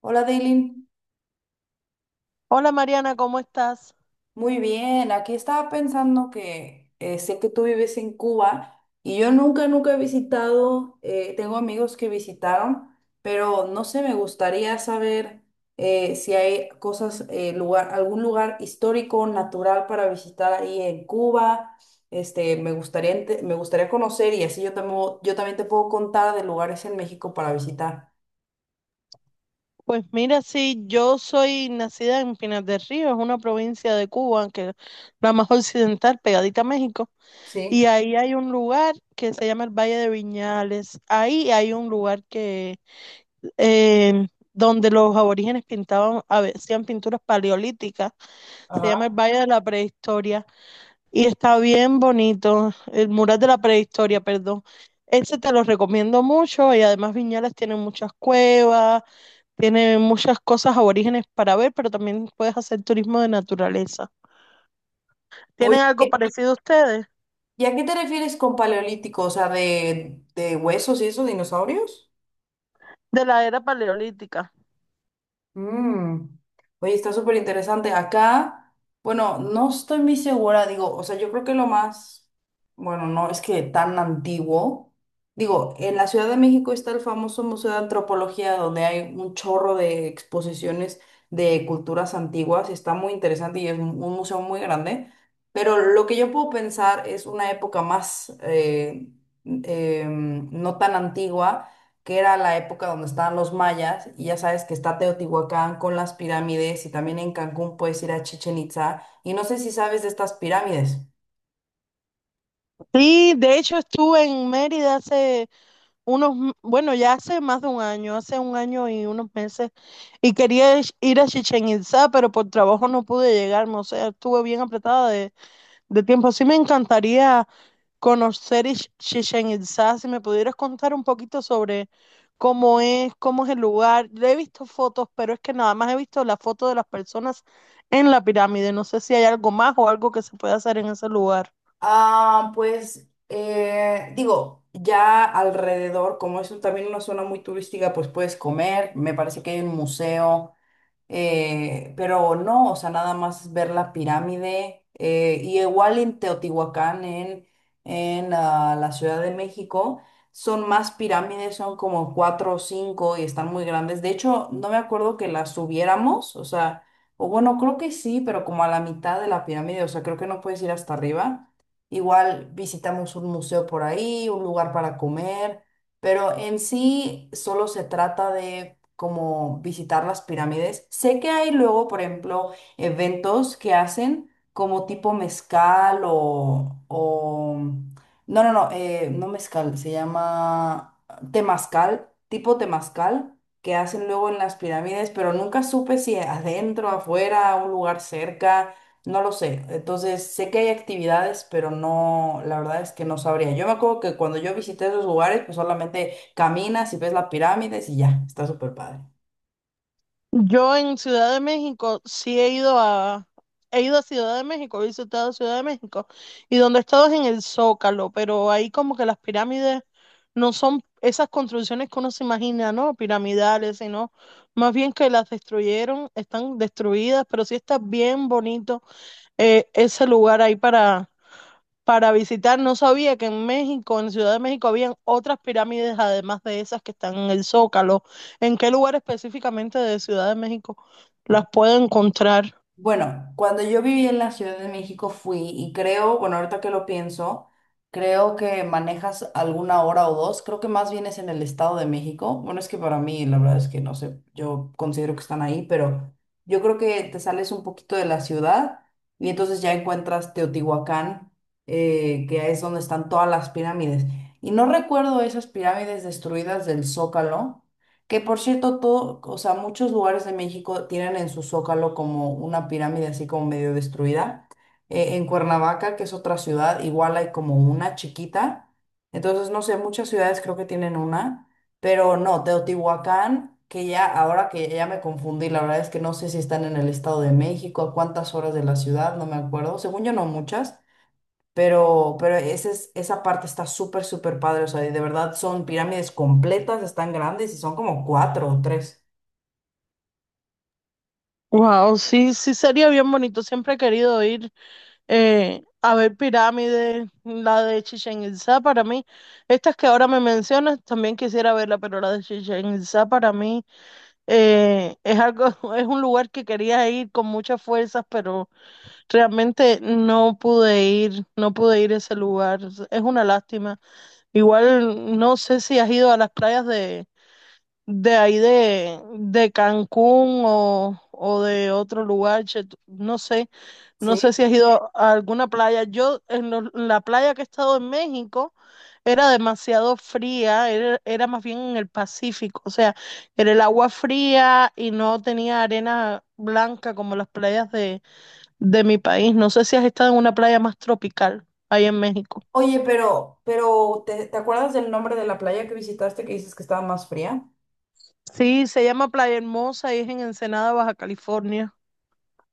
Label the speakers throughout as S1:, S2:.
S1: Hola, Daylin.
S2: Hola Mariana, ¿cómo estás?
S1: Muy bien. Aquí estaba pensando que sé que tú vives en Cuba y yo nunca, nunca he visitado, tengo amigos que visitaron, pero no sé, me gustaría saber si hay cosas, lugar, algún lugar histórico, natural para visitar ahí en Cuba. Me gustaría, me gustaría conocer y así yo también te puedo contar de lugares en México para visitar.
S2: Pues mira, sí, yo soy nacida en Pinar del Río, es una provincia de Cuba, que es la más occidental, pegadita a México, y
S1: Sí,
S2: ahí hay un lugar que se llama el Valle de Viñales. Ahí hay un lugar que eh, donde los aborígenes pintaban, hacían pinturas paleolíticas, se
S1: ajá.
S2: llama el Valle de la Prehistoria y está bien bonito, el mural de la prehistoria, perdón. Ese te lo recomiendo mucho y además Viñales tiene muchas cuevas. Tiene muchas cosas aborígenes para ver, pero también puedes hacer turismo de naturaleza. ¿Tienen algo
S1: Oye.
S2: parecido ustedes?
S1: ¿Y a qué te refieres con paleolítico? O sea, de huesos y esos dinosaurios.
S2: De la era paleolítica.
S1: Mm. Oye, está súper interesante. Acá, bueno, no estoy muy segura, digo, o sea, yo creo que lo más, bueno, no es que tan antiguo. Digo, en la Ciudad de México está el famoso Museo de Antropología, donde hay un chorro de exposiciones de culturas antiguas. Está muy interesante y es un museo muy grande. Pero lo que yo puedo pensar es una época más, no tan antigua que era la época donde estaban los mayas, y ya sabes que está Teotihuacán con las pirámides, y también en Cancún puedes ir a Chichen Itza y no sé si sabes de estas pirámides.
S2: Sí, de hecho estuve en Mérida hace bueno, ya hace más de un año, hace un año y unos meses, y quería ir a Chichén Itzá, pero por trabajo no pude llegarme, o sea, estuve bien apretada de tiempo. Sí me encantaría conocer Chichén Itzá. Si me pudieras contar un poquito sobre cómo es el lugar. Yo he visto fotos, pero es que nada más he visto la foto de las personas en la pirámide. No sé si hay algo más o algo que se puede hacer en ese lugar.
S1: Ah, pues, digo, ya alrededor, también una zona muy turística, pues puedes comer, me parece que hay un museo. Pero no, o sea, nada más ver la pirámide. Y igual en Teotihuacán, en, en la Ciudad de México, son más pirámides, son como cuatro o cinco y están muy grandes. De hecho, no me acuerdo que las subiéramos, o sea, o bueno, creo que sí, pero como a la mitad de la pirámide, o sea, creo que no puedes ir hasta arriba. Igual visitamos un museo por ahí, un lugar para comer. Pero en sí solo se trata de como visitar las pirámides. Sé que hay luego, por ejemplo, eventos que hacen como tipo mezcal o... No, no, no, no mezcal, se llama temazcal, tipo temazcal, que hacen luego en las pirámides, pero nunca supe si adentro, afuera, un lugar cerca. No lo sé. Entonces, sé que hay actividades, pero no, la verdad es que no sabría. Yo me acuerdo que cuando yo visité esos lugares, pues solamente caminas y ves las pirámides y ya, está súper padre.
S2: Yo en Ciudad de México sí he ido a Ciudad de México, he visitado Ciudad de México, y donde he estado es en el Zócalo, pero ahí como que las pirámides no son esas construcciones que uno se imagina, ¿no? Piramidales, sino más bien que las destruyeron, están destruidas, pero sí está bien bonito ese lugar ahí para visitar. No sabía que en México, en Ciudad de México, habían otras pirámides además de esas que están en el Zócalo. ¿En qué lugar específicamente de Ciudad de México las pueda encontrar?
S1: Bueno, cuando yo viví en la Ciudad de México fui y creo, bueno, ahorita que lo pienso, creo que manejas alguna hora o dos, creo que más bien es en el Estado de México. Bueno, es que para mí la verdad es que no sé, yo considero que están ahí, pero yo creo que te sales un poquito de la ciudad y entonces ya encuentras Teotihuacán, que es donde están todas las pirámides. Y no recuerdo esas pirámides destruidas del Zócalo. Que por cierto, todo, o sea, muchos lugares de México tienen en su zócalo como una pirámide así como medio destruida. En Cuernavaca, que es otra ciudad, igual hay como una chiquita. Entonces, no sé, muchas ciudades creo que tienen una, pero no, Teotihuacán, que ya ahora que ya me confundí, la verdad es que no sé si están en el Estado de México, a cuántas horas de la ciudad, no me acuerdo. Según yo, no muchas. Pero esa parte está súper, súper padre. O sea, y de verdad son pirámides completas, están grandes y son como cuatro o tres.
S2: Wow, sí, sí sería bien bonito. Siempre he querido ir a ver pirámides, la de Chichén Itzá para mí. Estas que ahora me mencionas, también quisiera verla, pero la de Chichén Itzá para mí es algo, es un lugar que quería ir con muchas fuerzas, pero realmente no pude ir, no pude ir a ese lugar. Es una lástima. Igual no sé si has ido a las playas de Cancún o de otro lugar, che, no sé, no sé
S1: Sí.
S2: si has ido a alguna playa. Yo en la playa que he estado en México era demasiado fría, era, era más bien en el Pacífico, o sea, era el agua fría y no tenía arena blanca como las playas de mi país. No sé si has estado en una playa más tropical ahí en México.
S1: Oye, pero te acuerdas del nombre de la playa que visitaste que dices que estaba más fría?
S2: Sí, se llama Playa Hermosa y es en Ensenada, Baja California.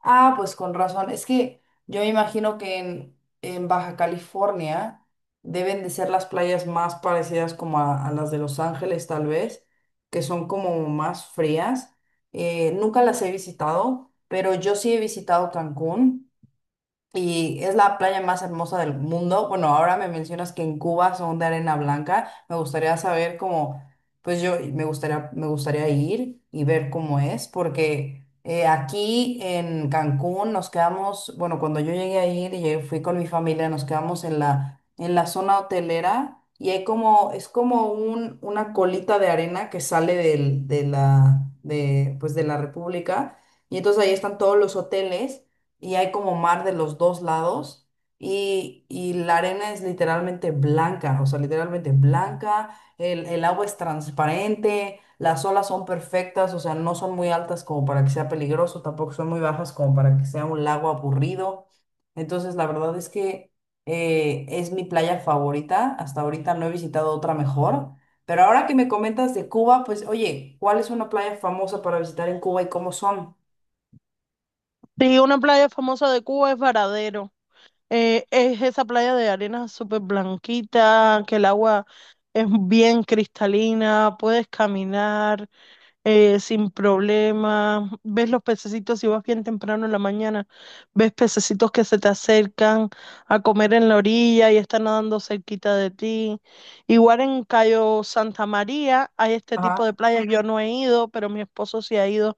S1: Ah, pues con razón. Es que yo me imagino que en Baja California deben de ser las playas más parecidas como a las de Los Ángeles, tal vez, que son como más frías. Nunca las he visitado, pero yo sí he visitado Cancún. Y es la playa más hermosa del mundo. Bueno, ahora me mencionas que en Cuba son de arena blanca. Me gustaría saber cómo, pues yo me gustaría ir y ver cómo es, porque aquí en Cancún nos quedamos, bueno, cuando yo llegué a ir y fui con mi familia, nos quedamos en en la zona hotelera y hay como, es como un, una colita de arena que sale del, de la, de, pues de la República. Y entonces ahí están todos los hoteles y hay como mar de los dos lados y la arena es literalmente blanca, o sea, literalmente blanca, el agua es transparente, las olas son perfectas, o sea, no son muy altas como para que sea peligroso, tampoco son muy bajas como para que sea un lago aburrido. Entonces, la verdad es que es mi playa favorita, hasta ahorita no he visitado otra mejor. Pero ahora que me comentas de Cuba, pues oye, ¿cuál es una playa famosa para visitar en Cuba y cómo son?
S2: Sí, una playa famosa de Cuba es Varadero. Es esa playa de arena súper blanquita, que el agua es bien cristalina, puedes caminar sin problema, ves los pececitos si vas bien temprano en la mañana, ves pececitos que se te acercan a comer en la orilla y están nadando cerquita de ti. Igual en Cayo Santa María hay este tipo
S1: Ajá.
S2: de playas, yo no he ido, pero mi esposo sí ha ido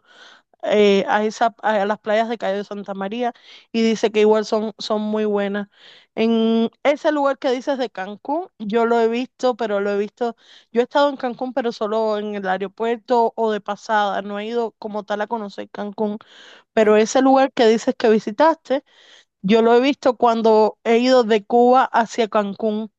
S2: a esa, a las playas de Cayo de Santa María y dice que igual son, son muy buenas. En ese lugar que dices de Cancún, yo lo he visto, pero lo he visto, yo he estado en Cancún, pero solo en el aeropuerto o de pasada, no he ido como tal a conocer Cancún,
S1: Mm.
S2: pero ese lugar que dices que visitaste, yo lo he visto cuando he ido de Cuba hacia Cancún.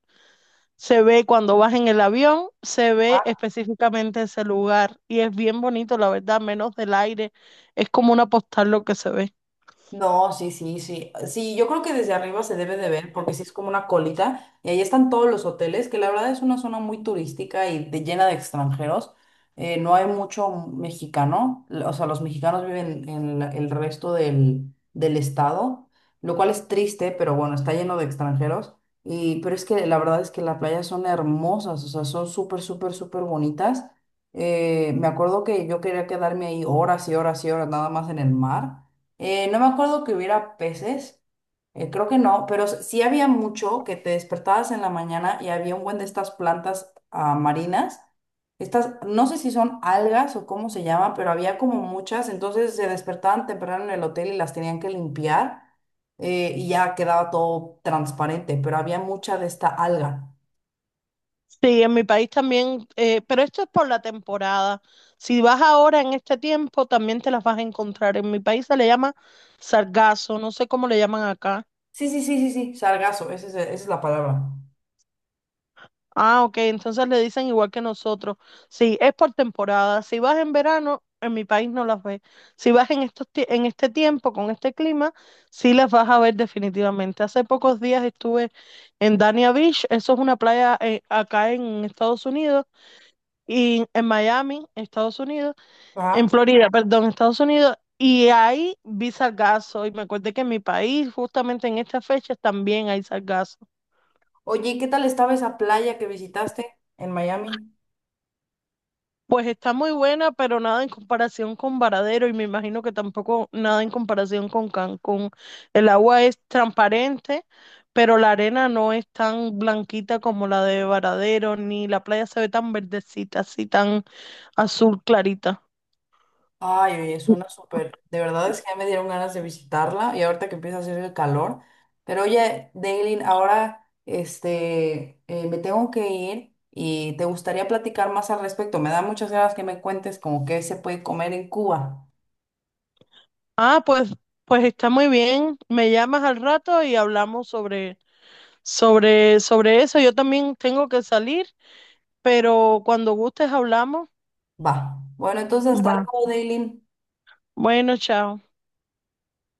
S2: Se ve cuando vas en el avión, se ve específicamente ese lugar y es bien bonito, la verdad, menos del aire. Es como una postal lo que se ve.
S1: No, sí, sí, sí. Sí, yo creo que desde arriba se debe de ver porque sí es como una colita y ahí están todos los hoteles, que la verdad es una zona muy turística y de, llena de extranjeros. No hay mucho mexicano, o sea, los mexicanos viven en el resto del, del estado, lo cual es triste, pero bueno, está lleno de extranjeros. Y, pero es que la verdad es que las playas son hermosas, o sea, son súper, súper, súper bonitas. Me acuerdo que yo quería quedarme ahí horas y horas y horas nada más en el mar. No me acuerdo que hubiera peces, creo que no, pero sí había mucho que te despertabas en la mañana y había un buen de estas plantas marinas. Estas, no sé si son algas o cómo se llama, pero había como muchas, entonces se despertaban temprano en el hotel y las tenían que limpiar, y ya quedaba todo transparente, pero había mucha de esta alga.
S2: Sí, en mi país también, pero esto es por la temporada. Si vas ahora en este tiempo, también te las vas a encontrar. En mi país se le llama sargazo, no sé cómo le llaman acá.
S1: Sí, sí, sí, sí, sí, sargazo, esa es la palabra.
S2: Ah, ok, entonces le dicen igual que nosotros. Sí, es por temporada. Si vas en verano, en mi país no las ves. Si vas en estos, en este tiempo, con este clima, sí las vas a ver definitivamente. Hace pocos días estuve en Dania Beach, eso es una playa acá en Estados Unidos, y en Miami, Estados Unidos, en
S1: Ajá.
S2: Florida, perdón, Estados Unidos. Y ahí vi sargazo y me acuerdo que en mi país, justamente en estas fechas, también hay sargazo.
S1: Oye, ¿y qué tal estaba esa playa que visitaste en Miami?
S2: Pues está muy buena, pero nada en comparación con Varadero y me imagino que tampoco nada en comparación con Cancún. El agua es transparente, pero la arena no es tan blanquita como la de Varadero, ni la playa se ve tan verdecita, así tan azul clarita.
S1: Ay, oye, suena súper. De verdad es que ya me dieron ganas de visitarla y ahorita que empieza a hacer el calor. Pero oye, Daylin, ahora este, me tengo que ir y te gustaría platicar más al respecto. Me da muchas ganas que me cuentes como qué se puede comer en Cuba.
S2: Ah, pues, pues está muy bien. Me llamas al rato y hablamos sobre eso. Yo también tengo que salir, pero cuando gustes hablamos.
S1: Va. Bueno, entonces hasta
S2: Va.
S1: luego, Daylin.
S2: Bueno, chao.